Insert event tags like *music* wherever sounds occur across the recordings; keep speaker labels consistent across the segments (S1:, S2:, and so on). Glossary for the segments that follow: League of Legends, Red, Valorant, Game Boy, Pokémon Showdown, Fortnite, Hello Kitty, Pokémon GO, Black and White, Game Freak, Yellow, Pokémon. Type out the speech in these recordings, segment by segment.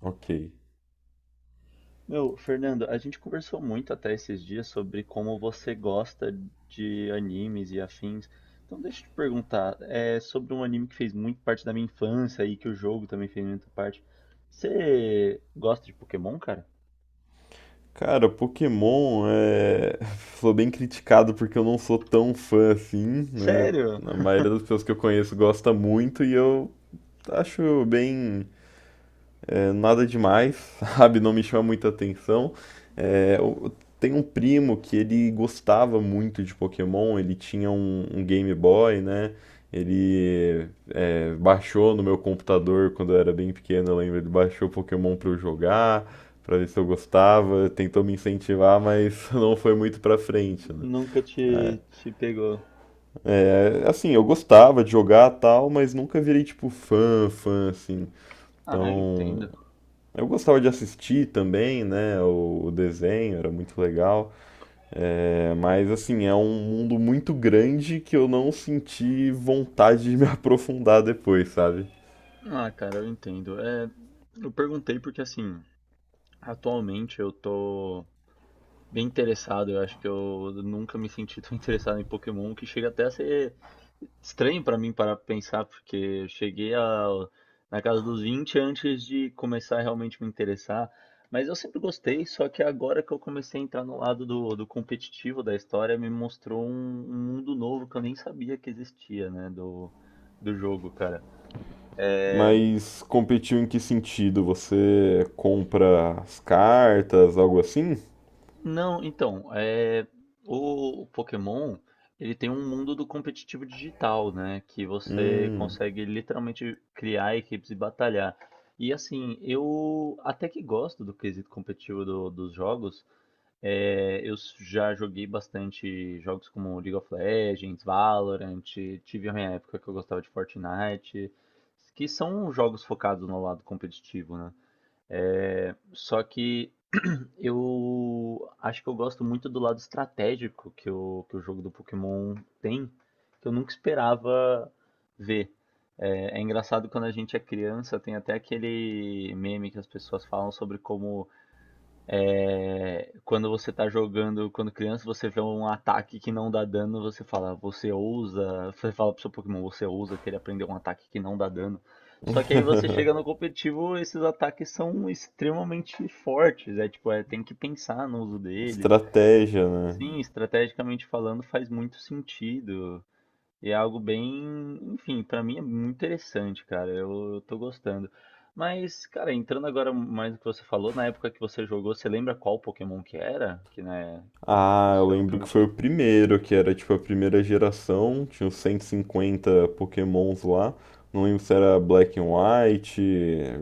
S1: Ok.
S2: Meu, Fernando, a gente conversou muito até esses dias sobre como você gosta de animes e afins. Então deixa eu te perguntar, é sobre um anime que fez muito parte da minha infância e que o jogo também fez muita parte. Você gosta de Pokémon, cara?
S1: Cara, Pokémon *laughs* Sou bem criticado porque eu não sou tão fã assim, né?
S2: Sério?
S1: A maioria das pessoas que eu conheço gosta muito e eu acho bem, nada demais, *laughs* sabe? Não me chama muita atenção. Eu tenho um primo que ele gostava muito de Pokémon. Ele tinha um Game Boy, né? Ele Baixou no meu computador quando eu era bem pequeno, eu lembro. Ele baixou Pokémon pra eu jogar, pra ver se eu gostava, tentou me incentivar, mas *laughs* não foi muito pra frente, né.
S2: Nunca te pegou.
S1: Assim, eu gostava de jogar, tal, mas nunca virei tipo fã, assim.
S2: Ah, eu
S1: Então,
S2: entendo.
S1: eu gostava de assistir também, né, o desenho, era muito legal, mas assim, é um mundo muito grande que eu não senti vontade de me *laughs* aprofundar depois, sabe.
S2: Ah, cara, eu entendo. É, eu perguntei porque assim, atualmente eu tô bem interessado. Eu acho que eu nunca me senti tão *laughs* interessado em Pokémon que chega até a ser estranho para mim parar pra pensar, porque eu cheguei a, na casa dos 20 antes de começar a realmente me interessar. Mas eu sempre gostei, só que agora que eu comecei a entrar no lado do competitivo da história, me mostrou um mundo novo que eu nem sabia que existia, né, do jogo, cara.
S1: Mas competiu em que sentido? Você compra as cartas, algo assim?
S2: Não, então, é, o Pokémon, ele tem um mundo do competitivo digital, né? Que você
S1: Hum.
S2: consegue literalmente criar equipes e batalhar. E assim, eu até que gosto do quesito competitivo dos jogos. É, já joguei bastante jogos como League of Legends, Valorant, tive a minha época que eu gostava de Fortnite, que são jogos focados no lado competitivo, né? Só que eu acho que eu gosto muito do lado estratégico que o jogo do Pokémon tem, que eu nunca esperava ver. É, é engraçado quando a gente é criança, tem até aquele meme que as pessoas falam sobre como é, quando você tá jogando, quando criança, você vê um ataque que não dá dano, você fala, você ousa. Você fala pro seu Pokémon, você ousa querer aprender um ataque que não dá dano. Só que aí você chega no
S1: *laughs*
S2: competitivo, esses ataques são extremamente fortes. É tipo, é, tem que pensar no uso deles.
S1: Estratégia, né?
S2: Sim, estrategicamente falando, faz muito sentido. E é algo bem, enfim, pra mim é muito interessante, cara. Eu tô gostando. Mas, cara, entrando agora mais no que você falou, na época que você jogou, você lembra qual Pokémon que era? Que, né, que
S1: Ah, eu
S2: esse é o
S1: lembro
S2: primeiro
S1: que foi o
S2: título.
S1: primeiro, que era tipo a primeira geração, tinha uns 150 Pokémons lá. Não lembro se era Black and White,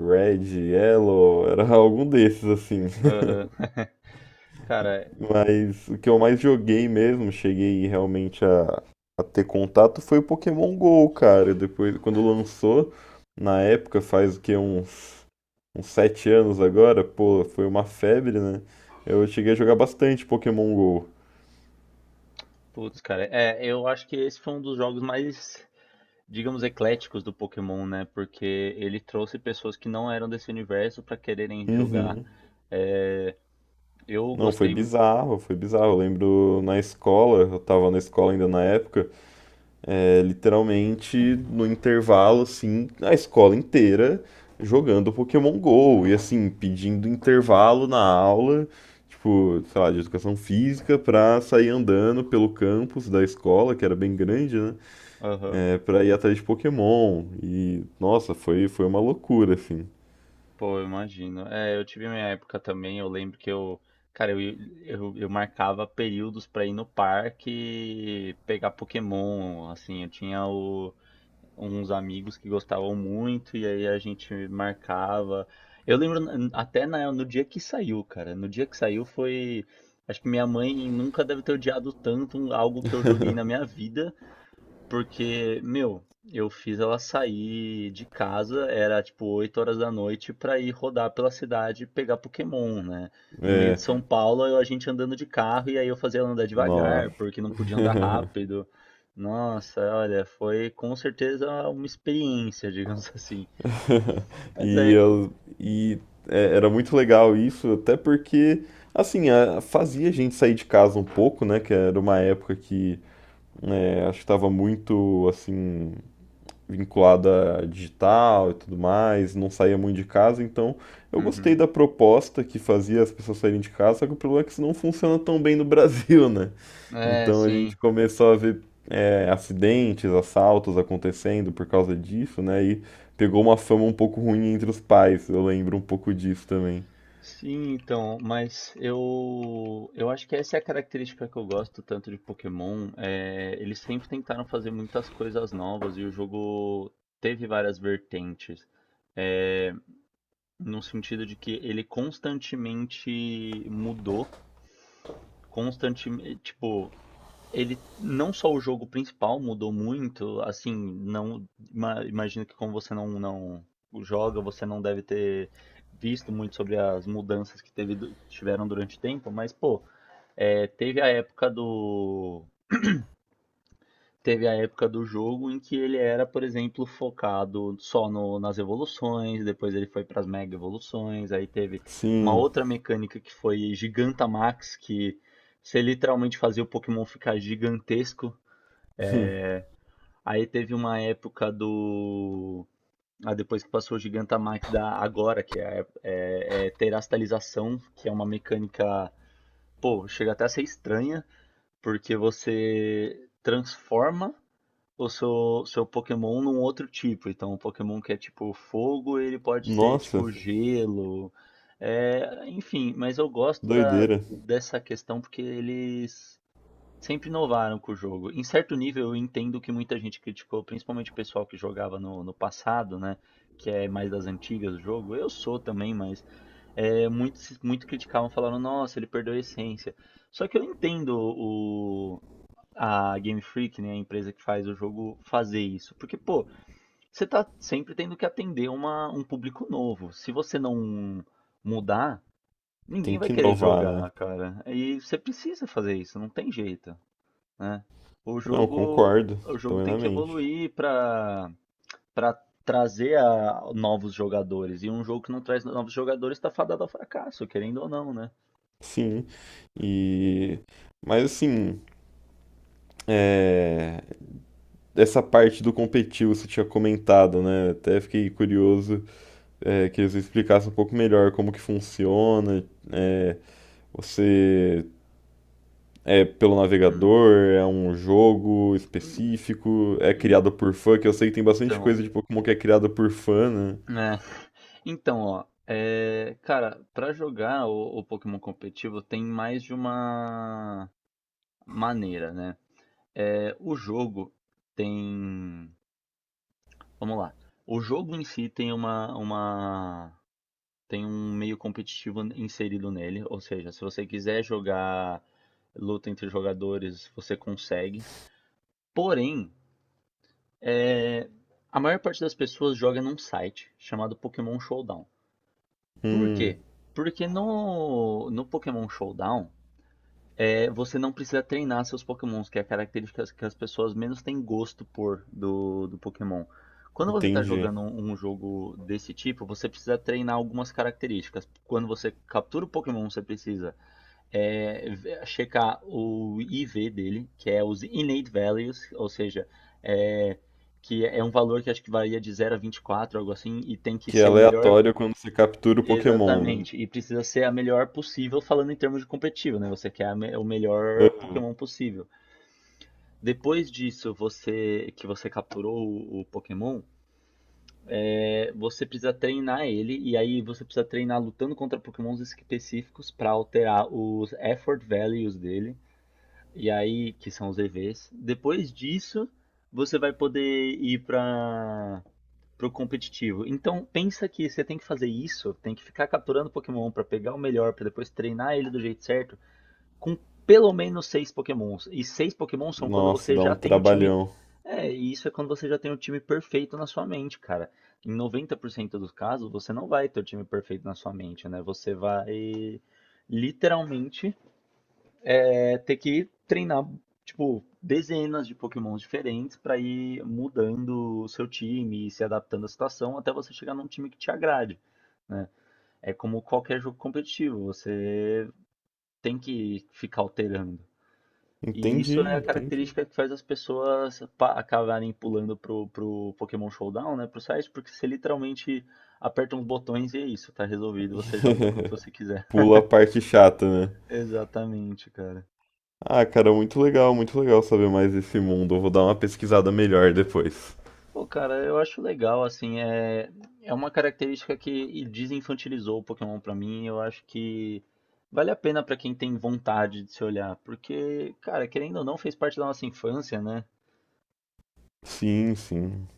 S1: Red, Yellow, era *laughs* algum desses assim.
S2: Aham. *laughs* Cara,
S1: Mas o que eu mais joguei mesmo, cheguei realmente a ter contato, foi o Pokémon GO, cara. Depois, quando lançou, na época, faz o que, uns sete anos agora, pô, foi uma febre, né? Eu cheguei a jogar bastante Pokémon GO.
S2: putz, cara, é, eu acho que esse foi um dos jogos mais, digamos, ecléticos do Pokémon, né? Porque ele trouxe pessoas que não eram desse universo pra quererem jogar.
S1: Uhum.
S2: É, eu
S1: Não, foi
S2: gostei.
S1: bizarro, foi bizarro. Eu lembro na escola, eu tava na escola ainda na época. É, literalmente, no intervalo, assim, a escola inteira jogando Pokémon Go e, assim, pedindo intervalo na aula, tipo, sei lá, de educação física, pra sair andando pelo campus da escola, que era bem grande, né?
S2: Aham.
S1: É, pra ir atrás de Pokémon. E, nossa, foi uma loucura, assim.
S2: Pô, eu imagino. É, eu tive minha época também, eu lembro que eu, cara, eu marcava períodos pra ir no parque pegar Pokémon, assim, uns amigos que gostavam muito e aí a gente marcava. Eu lembro até no dia que saiu, cara, no dia que saiu foi, acho que minha mãe nunca deve ter odiado tanto algo que eu joguei na minha vida, porque, meu, eu fiz ela sair de casa, era tipo 20:00, pra ir rodar pela cidade e pegar Pokémon, né? No meio de
S1: É,
S2: São Paulo, a gente andando de carro e aí eu fazia ela andar
S1: nossa.
S2: devagar, porque não podia andar
S1: *laughs*
S2: rápido. Nossa, olha, foi com certeza uma experiência, *laughs* digamos assim.
S1: *laughs*
S2: Mas
S1: E
S2: é.
S1: eu e é, era muito legal isso, até porque assim, fazia a gente sair de casa um pouco, né, que era uma época que, né, acho que estava muito assim, vinculada a digital e tudo mais, não saía muito de casa, então eu gostei
S2: Uhum.
S1: da proposta que fazia as pessoas saírem de casa, só que o problema é que isso não funciona tão bem no *laughs* Brasil, né?
S2: É,
S1: Então a
S2: sim.
S1: gente começou a ver acidentes, assaltos acontecendo por causa disso, né? E pegou uma fama um pouco ruim entre os pais, eu lembro um pouco disso também.
S2: Sim, então, mas eu acho que essa é a característica que eu gosto tanto de Pokémon. É, eles sempre tentaram fazer muitas coisas novas e o jogo teve várias vertentes, é, no sentido de que ele constantemente mudou, constantemente, tipo, ele não só o jogo principal mudou muito, assim, não imagino que como você não joga, você não deve ter visto muito sobre as mudanças que tiveram durante o tempo, mas pô, é, teve a época do jogo em que ele era, por exemplo, focado só nas evoluções, depois ele foi para as mega evoluções, aí teve uma
S1: Sim,
S2: outra mecânica que foi Gigantamax, que você literalmente fazia o Pokémon ficar gigantesco. Aí teve uma época do. Ah, depois que passou o Gigantamax da agora, que é terastalização, que é uma mecânica. Pô, chega até a ser estranha, porque você transforma o seu Pokémon num outro tipo. Então, o Pokémon que é tipo fogo, ele pode ser
S1: nossa,
S2: tipo gelo. É, enfim, mas eu gosto da,
S1: doideira.
S2: dessa questão porque eles sempre inovaram com o jogo. Em certo nível, eu entendo que muita gente criticou, principalmente o pessoal que jogava no passado, né? Que é mais das antigas do jogo. Eu sou também, mas é, muito criticavam, falando, nossa, ele perdeu a essência. Só que eu entendo o, a Game Freak, né, a empresa que faz o jogo, fazer isso. Porque, pô, você tá sempre tendo que atender um público novo. Se você não mudar, ninguém
S1: Tem
S2: vai
S1: que
S2: querer
S1: inovar, né?
S2: jogar, cara. E você precisa fazer isso, não tem jeito né? O
S1: Não,
S2: jogo,
S1: concordo,
S2: o jogo tem que
S1: plenamente.
S2: evoluir para trazer novos jogadores. E um jogo que não traz novos jogadores está fadado ao fracasso, querendo ou não, né?
S1: Sim, e. Mas assim, É, essa parte do competitivo você tinha comentado, né? Até fiquei curioso, que eles explicassem um pouco melhor como que funciona. É, você é pelo
S2: Hum.
S1: navegador, é um jogo específico, é
S2: En-
S1: criado por fã, que eu sei que tem bastante coisa
S2: Então,
S1: de Pokémon que é criada por fã, né?
S2: né? Então, ó, é, cara, para jogar o Pokémon competitivo tem mais de uma maneira, né? É, o jogo tem, vamos lá. O jogo em si tem uma tem um meio competitivo inserido nele, ou seja, se você quiser jogar luta entre jogadores, você consegue. Porém, é, a maior parte das pessoas joga num site chamado Pokémon Showdown. Por
S1: Hum,
S2: quê? Porque no Pokémon Showdown é, você não precisa treinar seus Pokémons, que é a característica que as pessoas menos têm gosto por do Pokémon. Quando você está
S1: entendi.
S2: jogando um jogo desse tipo, você precisa treinar algumas características. Quando você captura o Pokémon, você precisa é, checar o IV dele, que é os innate values, ou seja, é, que é um valor que acho que varia de 0 a 24, algo assim, e tem que
S1: Que é
S2: ser o melhor.
S1: aleatório quando você captura o Pokémon, né?
S2: Exatamente, e precisa ser a melhor possível falando em termos de competitivo, né? Você quer o melhor
S1: Ah,
S2: Pokémon possível. Depois disso, você que você capturou o Pokémon, é, você precisa treinar ele e aí você precisa treinar lutando contra Pokémons específicos para alterar os effort values dele. E aí, que são os EVs. Depois disso, você vai poder ir para o competitivo. Então, pensa que você tem que fazer isso, tem que ficar capturando Pokémon para pegar o melhor, para depois treinar ele do jeito certo, com pelo menos 6 Pokémons. E 6 Pokémons são quando
S1: nossa,
S2: você
S1: dá
S2: já
S1: um
S2: tem o time.
S1: trabalhão.
S2: É, e isso é quando você já tem o time perfeito na sua mente, cara. Em 90% dos casos, você não vai ter o time perfeito na sua mente, né? Você vai literalmente é ter que treinar, tipo, dezenas de pokémons diferentes para ir mudando o seu time e se adaptando à situação até você chegar num time que te agrade, né? É como qualquer jogo competitivo, você tem que ficar alterando. E
S1: Entendi,
S2: isso é a
S1: entendi.
S2: característica que faz as pessoas acabarem pulando pro Pokémon Showdown, né? Pro site, porque você literalmente aperta uns botões e é isso, tá resolvido, você joga com o que
S1: *laughs*
S2: você quiser.
S1: Pula a parte chata, né?
S2: *laughs* Exatamente, cara.
S1: Ah, cara, muito legal saber mais desse mundo. Eu vou dar uma pesquisada melhor depois.
S2: Pô, cara, eu acho legal, assim, é, é uma característica que desinfantilizou o Pokémon pra mim, eu acho que vale a pena pra quem tem vontade de se olhar, porque, cara, querendo ou não, fez parte da nossa infância, né?
S1: Sim, sim.